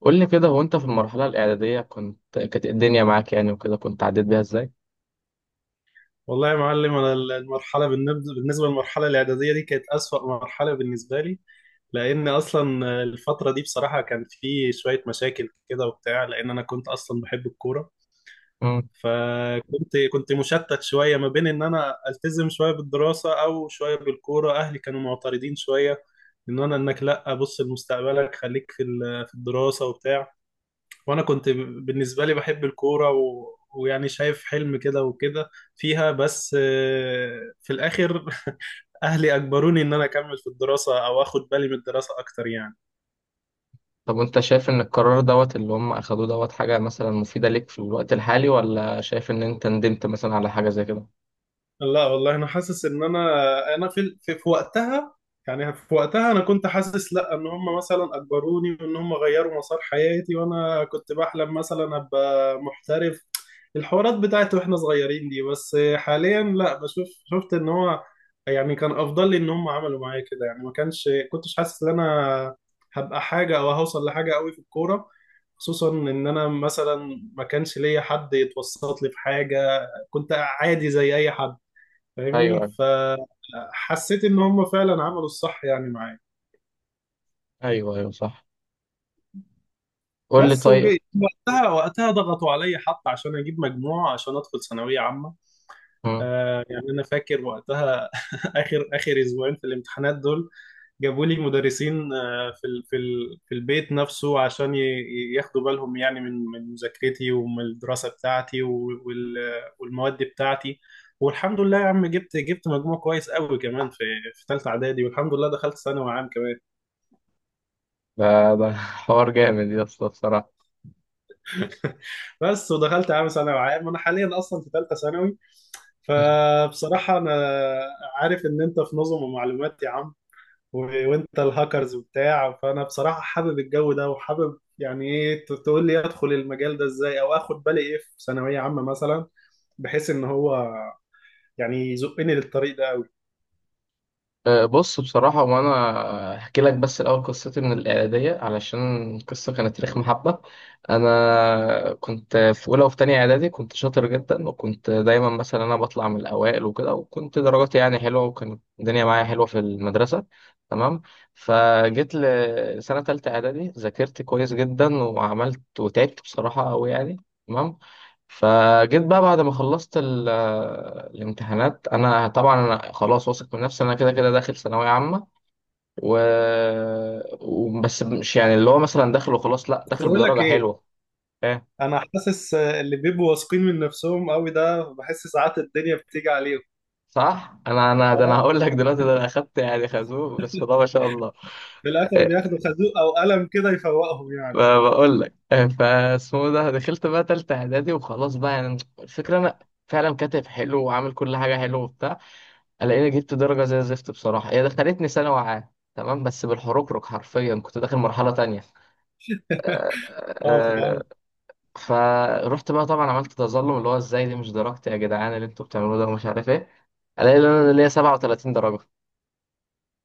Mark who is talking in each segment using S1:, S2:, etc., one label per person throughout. S1: قول لي كده، هو انت في المرحلة الإعدادية كانت الدنيا معاك يعني وكده، كنت عديت بيها ازاي؟
S2: والله يا معلم، انا المرحله بالنسبه للمرحله الاعداديه دي كانت اسوأ مرحله بالنسبه لي. لان اصلا الفتره دي بصراحه كان في شويه مشاكل كده وبتاع، لان انا كنت اصلا بحب الكوره.
S1: مم.
S2: فكنت مشتت شويه ما بين ان انا التزم شويه بالدراسه او شويه بالكوره. اهلي كانوا معترضين شويه، ان انا انك لا بص لمستقبلك خليك في الدراسه وبتاع. وانا كنت بالنسبه لي بحب الكوره ويعني شايف حلم كده وكده فيها، بس في الاخر اهلي اجبروني ان انا اكمل في الدراسه او اخد بالي من الدراسه اكتر يعني.
S1: طب وانت شايف ان القرار دوت اللي هم أخدوه دوت حاجة مثلا مفيدة ليك في الوقت الحالي، ولا شايف ان انت ندمت مثلا على حاجة زي كده؟
S2: لا والله، انا حاسس ان انا في وقتها. يعني في وقتها انا كنت حاسس لا، ان هم مثلا اجبروني وان هم غيروا مسار حياتي، وانا كنت بحلم مثلا ابقى محترف الحوارات بتاعت واحنا صغيرين دي. بس حاليا لا، بشوف شفت ان هو يعني كان افضل لي ان هم عملوا معايا كده، يعني ما كانش كنتش حاسس ان انا هبقى حاجة او هوصل لحاجة قوي في الكورة. خصوصا ان انا مثلا ما كانش ليا حد يتوسط لي في حاجة، كنت عادي زي اي حد فاهمني.
S1: ايوه،
S2: فحسيت ان هم فعلا عملوا الصح يعني معايا.
S1: ايوه، ايوه، صح. قول لي
S2: بس
S1: طيب.
S2: وجيت وقتها ضغطوا عليا حتى عشان اجيب مجموع عشان ادخل ثانويه عامه.
S1: مم.
S2: آه يعني انا فاكر وقتها اخر اسبوعين في الامتحانات دول جابوا لي مدرسين، في البيت نفسه عشان ياخدوا بالهم يعني من مذاكرتي ومن الدراسه بتاعتي والمواد بتاعتي. والحمد لله يا عم جبت مجموع كويس قوي كمان في ثالثه اعدادي، والحمد لله دخلت ثانوي عام كمان.
S1: ده حوار جامد يا اسطى بصراحة.
S2: بس ودخلت عام، ثانوي عام، انا حاليا اصلا في ثالثه ثانوي. فبصراحه انا عارف ان انت في نظم ومعلومات يا عم، وانت الهاكرز وبتاع، فانا بصراحه حابب الجو ده وحابب يعني ايه تقول لي ادخل المجال ده ازاي او اخد بالي ايه في ثانويه عامه مثلا، بحيث ان هو يعني يزقني للطريق ده قوي.
S1: بص بصراحة وأنا أحكي لك، بس الأول قصتي من الإعدادية علشان القصة كانت تاريخ محبة. أنا كنت في أولى وفي تانية إعدادي كنت شاطر جدا، وكنت دايما مثلا أنا بطلع من الأوائل وكده، وكنت درجاتي يعني حلوة، وكانت الدنيا معايا حلوة في المدرسة. تمام. فجيت لسنة تالتة إعدادي، ذاكرت كويس جدا وعملت وتعبت بصراحة أوي يعني. تمام. فجيت بقى بعد ما خلصت الامتحانات، انا طبعا انا خلاص واثق من نفسي، انا كده كده داخل ثانويه عامه و... وبس مش يعني اللي هو مثلا داخل وخلاص، لا،
S2: بس
S1: داخل
S2: بقول لك
S1: بدرجه
S2: ايه،
S1: حلوه. ايه،
S2: انا حاسس اللي بيبقوا واثقين من نفسهم قوي ده، بحس ساعات الدنيا بتيجي عليهم.
S1: صح. انا انا ده انا
S2: اه،
S1: هقول لك دلوقتي، ده انا اخدت يعني خازوق، بسم الله ما شاء الله.
S2: في الاخر
S1: إيه.
S2: بياخدوا خازوق او قلم كده يفوقهم يعني.
S1: ما بقول لك إيه، فاسمه ده دخلت بقى تالتة اعدادي وخلاص بقى، يعني الفكره انا فعلا كاتب حلو وعامل كل حاجه حلو وبتاع، الاقيني جبت درجه زي الزفت بصراحه، هي دخلتني ثانوي عام. تمام، بس بالحركرك حرفيا كنت داخل مرحله تانية. آه،
S2: اه
S1: آه،
S2: فاهم.
S1: فروحت بقى طبعا عملت تظلم، اللي هو ازاي دي مش درجتي يا جدعان، اللي انتوا بتعملوه ده، ومش عارف ايه. الاقي ان انا ليا 37 درجه.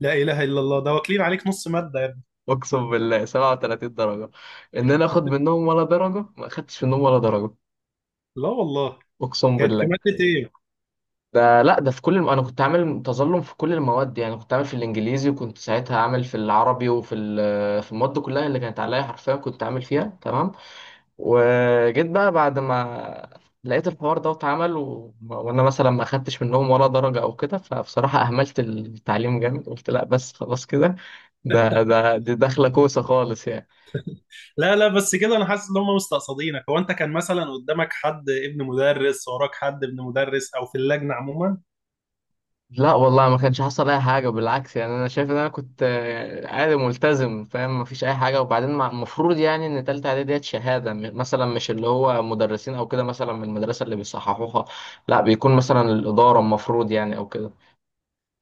S2: لا اله الا الله، ده واكلين عليك نص ماده يا ابني.
S1: اقسم بالله، 37 درجه. ان انا اخد منهم ولا درجه، ما اخدتش منهم ولا درجه.
S2: لا والله.
S1: اقسم
S2: كانت في
S1: بالله.
S2: ماده ايه؟
S1: ده لا، ده في كل انا كنت عامل تظلم في كل المواد، يعني كنت عامل في الانجليزي، وكنت ساعتها عامل في العربي، وفي في المواد كلها اللي كانت عليا حرفيا كنت عامل فيها. تمام. وجيت بقى بعد ما لقيت الحوار ده اتعمل، وانا مثلا ما اخدتش منهم ولا درجة او كده، فبصراحة اهملت التعليم جامد، قلت لا بس خلاص كده، ده ده دي داخلة كوسة خالص يعني.
S2: لا لا، بس كده انا حاسس ان هم مستقصدينك. هو انت كان مثلا قدامك حد ابن مدرس وراك حد ابن مدرس او في اللجنه عموما؟
S1: لا والله، ما كانش حصل اي حاجه، بالعكس، يعني انا شايف ان انا كنت عادي ملتزم، فاهم، ما فيش اي حاجه. وبعدين المفروض يعني ان تالتة اعدادي ديت شهاده مثلا مش اللي هو مدرسين او كده مثلا من المدرسه اللي بيصححوها، لا، بيكون مثلا الاداره المفروض يعني او كده.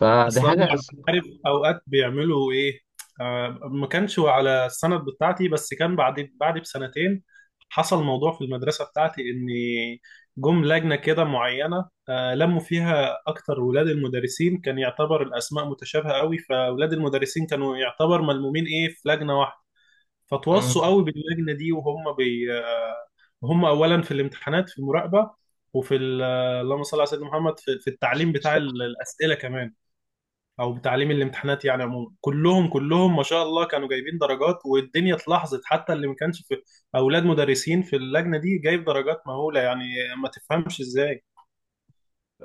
S1: فدي
S2: اصلا
S1: حاجه
S2: عارف اوقات بيعملوا ايه؟ آه، ما كانش على السند بتاعتي بس كان بعد بسنتين حصل موضوع في المدرسه بتاعتي، ان جم لجنه كده معينه، آه، لموا فيها اكتر ولاد المدرسين. كان يعتبر الاسماء متشابهه قوي فولاد المدرسين كانوا يعتبر ملمومين ايه في لجنه واحده.
S1: مم.
S2: فتوصوا قوي باللجنه دي، وهم بي هم اولا في الامتحانات في المراقبه، وفي ال- اللهم صل على سيدنا محمد، في التعليم بتاع الاسئله كمان، او بتعليم الامتحانات. يعني عموما كلهم كلهم ما شاء الله كانوا جايبين درجات، والدنيا اتلاحظت حتى اللي ما كانش في اولاد مدرسين في اللجنه دي جايب درجات مهوله يعني، ما تفهمش ازاي.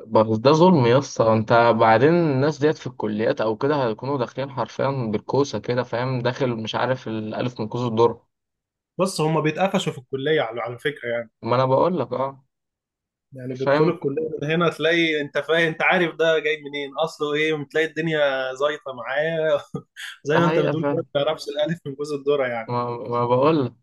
S1: بس ده ظلم يا اسطى، انت بعدين الناس ديت في الكليات او كده هيكونوا داخلين حرفيا بالكوسه كده، فاهم، داخل مش عارف الالف من كوز الدر.
S2: بس هم بيتقفشوا في الكليه على فكره يعني.
S1: ما انا بقول لك اه.
S2: يعني بيدخلوا
S1: فاهم.
S2: الكليه من هنا تلاقي انت فاهم، انت عارف ده جاي منين اصله ايه. تلاقي الدنيا زيطه معاه زي
S1: ده
S2: ما انت بتقول كده،
S1: حقيقه.
S2: ما تعرفش الالف من جوز الذره يعني.
S1: ما بقول لك.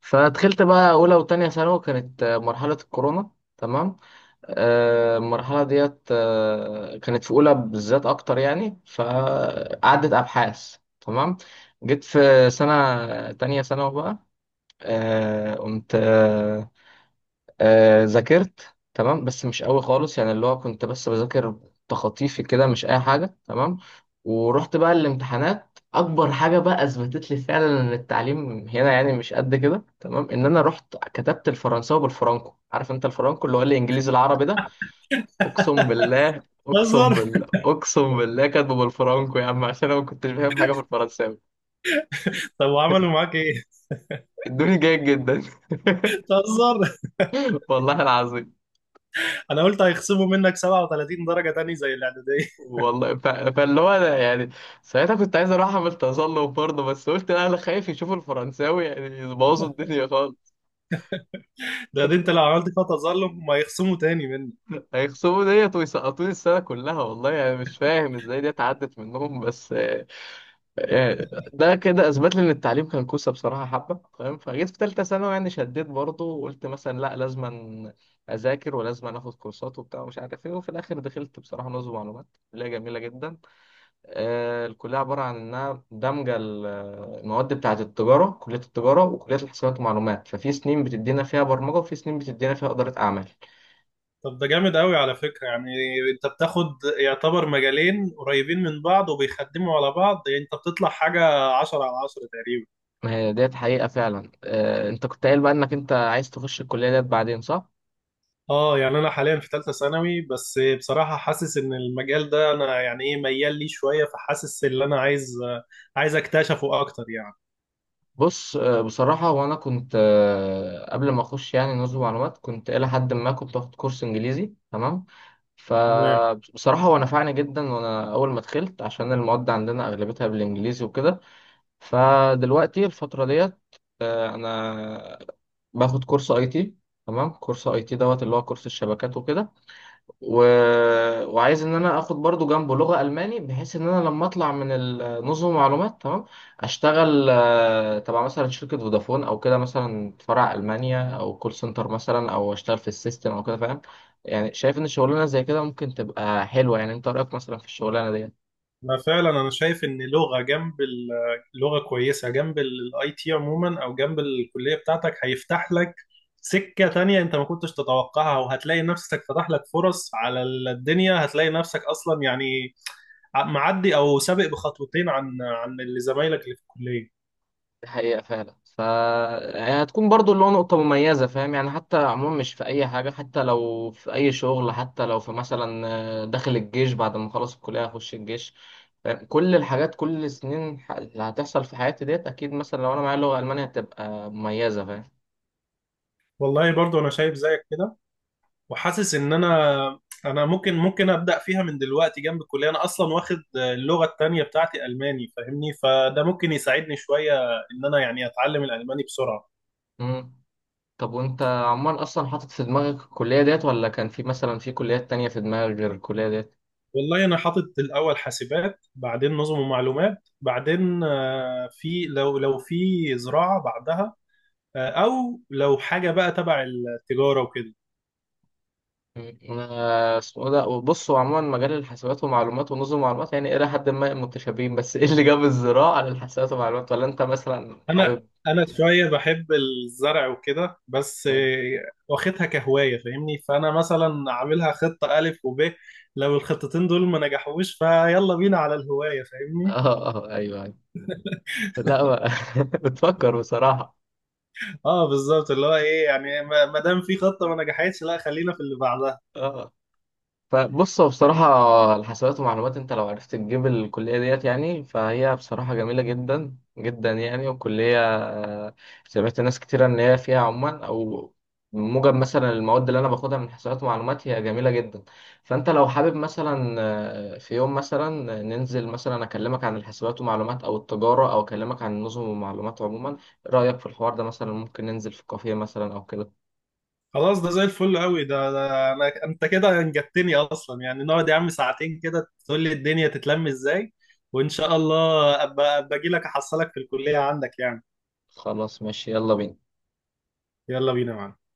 S1: فدخلت بقى اولى وتانية ثانوي، كانت مرحله الكورونا. تمام. المرحله ديت كانت في اولى بالذات اكتر، يعني فقعدت ابحاث. تمام. جيت في سنه تانية ثانوي بقى، قمت ذاكرت، تمام، بس مش قوي خالص، يعني اللي هو كنت بس بذاكر تخطيفي كده، مش اي حاجه. تمام. ورحت بقى الامتحانات، اكبر حاجه بقى اثبتت لي فعلا ان التعليم هنا يعني مش قد كده. تمام. ان انا رحت كتبت الفرنساوي بالفرنكو، عارف انت الفرنكو اللي هو الانجليزي العربي ده. اقسم بالله، اقسم
S2: تهزر!
S1: بالله، اقسم بالله، كاتبه بالفرنكو يا عم، عشان انا ما كنتش فاهم حاجه في الفرنساوي.
S2: طب وعملوا معاك ايه؟
S1: ادوني جيد جدا.
S2: تهزر!
S1: والله العظيم.
S2: انا قلت هيخصموا منك 37 درجه تاني زي الاعداديه.
S1: والله فاللي هو أنا يعني ساعتها كنت عايز اروح اعمل تسلق برضه، بس قلت لا، انا خايف يشوفوا الفرنساوي يعني يبوظوا الدنيا خالص.
S2: ده انت لو عملت فيها تظلم هم هيخصموا تاني منك.
S1: هيخصموا ديت ويسقطوني السنه كلها، والله يعني مش فاهم ازاي دي اتعدت منهم، بس آه، ده كده اثبت لي ان التعليم كان كوسه بصراحه حبه، فاهم. فجيت في ثالثه ثانوي، يعني شديت برضه، وقلت مثلا لا، لازم اذاكر ولازم اخد كورسات وبتاع، ومش عارف ايه، وفي الاخر دخلت بصراحه نظم معلومات، اللي هي جميله جدا. الكلية عبارة عن إنها دمجة المواد بتاعة التجارة، كلية التجارة وكلية الحسابات والمعلومات، ففي سنين بتدينا فيها برمجة، وفي سنين بتدينا فيها إدارة أعمال.
S2: طب ده جامد قوي على فكرة يعني. انت بتاخد يعتبر مجالين قريبين من بعض وبيخدموا على بعض، يعني انت بتطلع حاجة عشرة على عشرة تقريبا.
S1: ما هي ديت حقيقة فعلا. أنت كنت قايل بقى إنك أنت عايز تخش الكلية ديت بعدين، صح؟
S2: اه يعني انا حاليا في ثالثة ثانوي، بس بصراحة حاسس ان المجال ده انا يعني ايه ميال ليه شوية، فحاسس ان انا عايز اكتشفه اكتر يعني.
S1: بص بصراحة وأنا كنت قبل ما أخش يعني نظم معلومات كنت إلى حد ما كنت واخد كورس إنجليزي. تمام.
S2: تمام.
S1: فبصراحة هو نفعني جدا، وأنا أول ما دخلت عشان المواد عندنا أغلبتها بالإنجليزي وكده. فدلوقتي الفترة ديت انا باخد كورس اي تي. تمام، كورس اي تي دوت اللي هو كورس الشبكات وكده، و... وعايز ان انا اخد برضو جنبه لغة الماني، بحيث ان انا لما اطلع من نظم المعلومات تمام اشتغل تبع مثلا شركة فودافون او كده، مثلا فرع المانيا او كول سنتر مثلا، او اشتغل في السيستم او كده، فاهم. يعني شايف ان الشغلانة زي كده ممكن تبقى حلوة، يعني انت رأيك مثلا في الشغلانة دي.
S2: ما فعلا انا شايف ان لغه جنب اللغه كويسه جنب الاي تي عموما او جنب الكليه بتاعتك، هيفتح لك سكه تانية انت ما كنتش تتوقعها، وهتلاقي نفسك فتح لك فرص على الدنيا، هتلاقي نفسك اصلا يعني معدي او سابق بخطوتين عن اللي زمايلك اللي في الكليه.
S1: دي حقيقة فعلا، فهتكون برضو اللي هو نقطة مميزة، فاهم يعني حتى عموما مش في أي حاجة، حتى لو في أي شغل، حتى لو في مثلا داخل الجيش بعد ما أخلص الكلية أخش الجيش، فاهم؟ كل الحاجات كل السنين اللي هتحصل في حياتي ديت أكيد مثلا لو أنا معايا لغة ألمانية هتبقى مميزة، فاهم.
S2: والله برضو انا شايف زيك كده، وحاسس ان انا ممكن ابدا فيها من دلوقتي جنب الكليه. انا اصلا واخد اللغه التانية بتاعتي الماني فاهمني، فده ممكن يساعدني شويه ان انا يعني اتعلم الالماني بسرعه.
S1: مم. طب وأنت عموما أصلا حاطط في دماغك الكلية ديت، ولا كان في مثلا في كليات تانية في دماغك غير الكلية ديت؟
S2: والله انا حاطط الاول حاسبات، بعدين نظم ومعلومات، بعدين في لو في زراعه بعدها، او لو حاجه بقى تبع التجاره وكده.
S1: انا اسمه ده، بص، هو عموما مجال الحاسبات ومعلومات ونظم معلومات يعني الى حد ما متشابهين، بس ايه اللي جاب الزراعه على الحاسبات ومعلومات، ولا انت مثلا
S2: انا
S1: حابب.
S2: انا شويه بحب الزرع وكده، بس
S1: اه.
S2: واخدها كهوايه فاهمني. فانا مثلا عاملها خطه الف وب، لو الخطتين دول ما نجحوش فيلا بينا على الهوايه فاهمني.
S1: اه، ايوه، أيوة. لا بقى. بتفكر بصراحه.
S2: اه بالظبط، اللي هو ايه يعني، ما ما دام في خطه ما نجحتش لا خلينا في اللي بعدها.
S1: اه. فبص هو بصراحة الحسابات ومعلومات انت لو عرفت تجيب الكلية ديت يعني، فهي بصراحة جميلة جدا جدا يعني، وكلية سمعت ناس كتيرة ان هي فيها عموما، او موجب مثلا المواد اللي انا باخدها من حسابات ومعلومات هي جميلة جدا. فانت لو حابب مثلا في يوم مثلا ننزل مثلا اكلمك عن الحسابات ومعلومات او التجارة، او اكلمك عن النظم والمعلومات عموما، إيه رأيك في الحوار ده مثلا؟ ممكن ننزل في كافيه مثلا او كده.
S2: خلاص ده زي الفل قوي، ده انا، انت كده انجبتني اصلا يعني، نقعد يا عم ساعتين كده تقول لي الدنيا تتلم ازاي، وان شاء الله ابقى باجي لك احصلك في الكليه عندك يعني.
S1: خلاص ماشي، يلا بينا.
S2: يلا بينا يا معلم.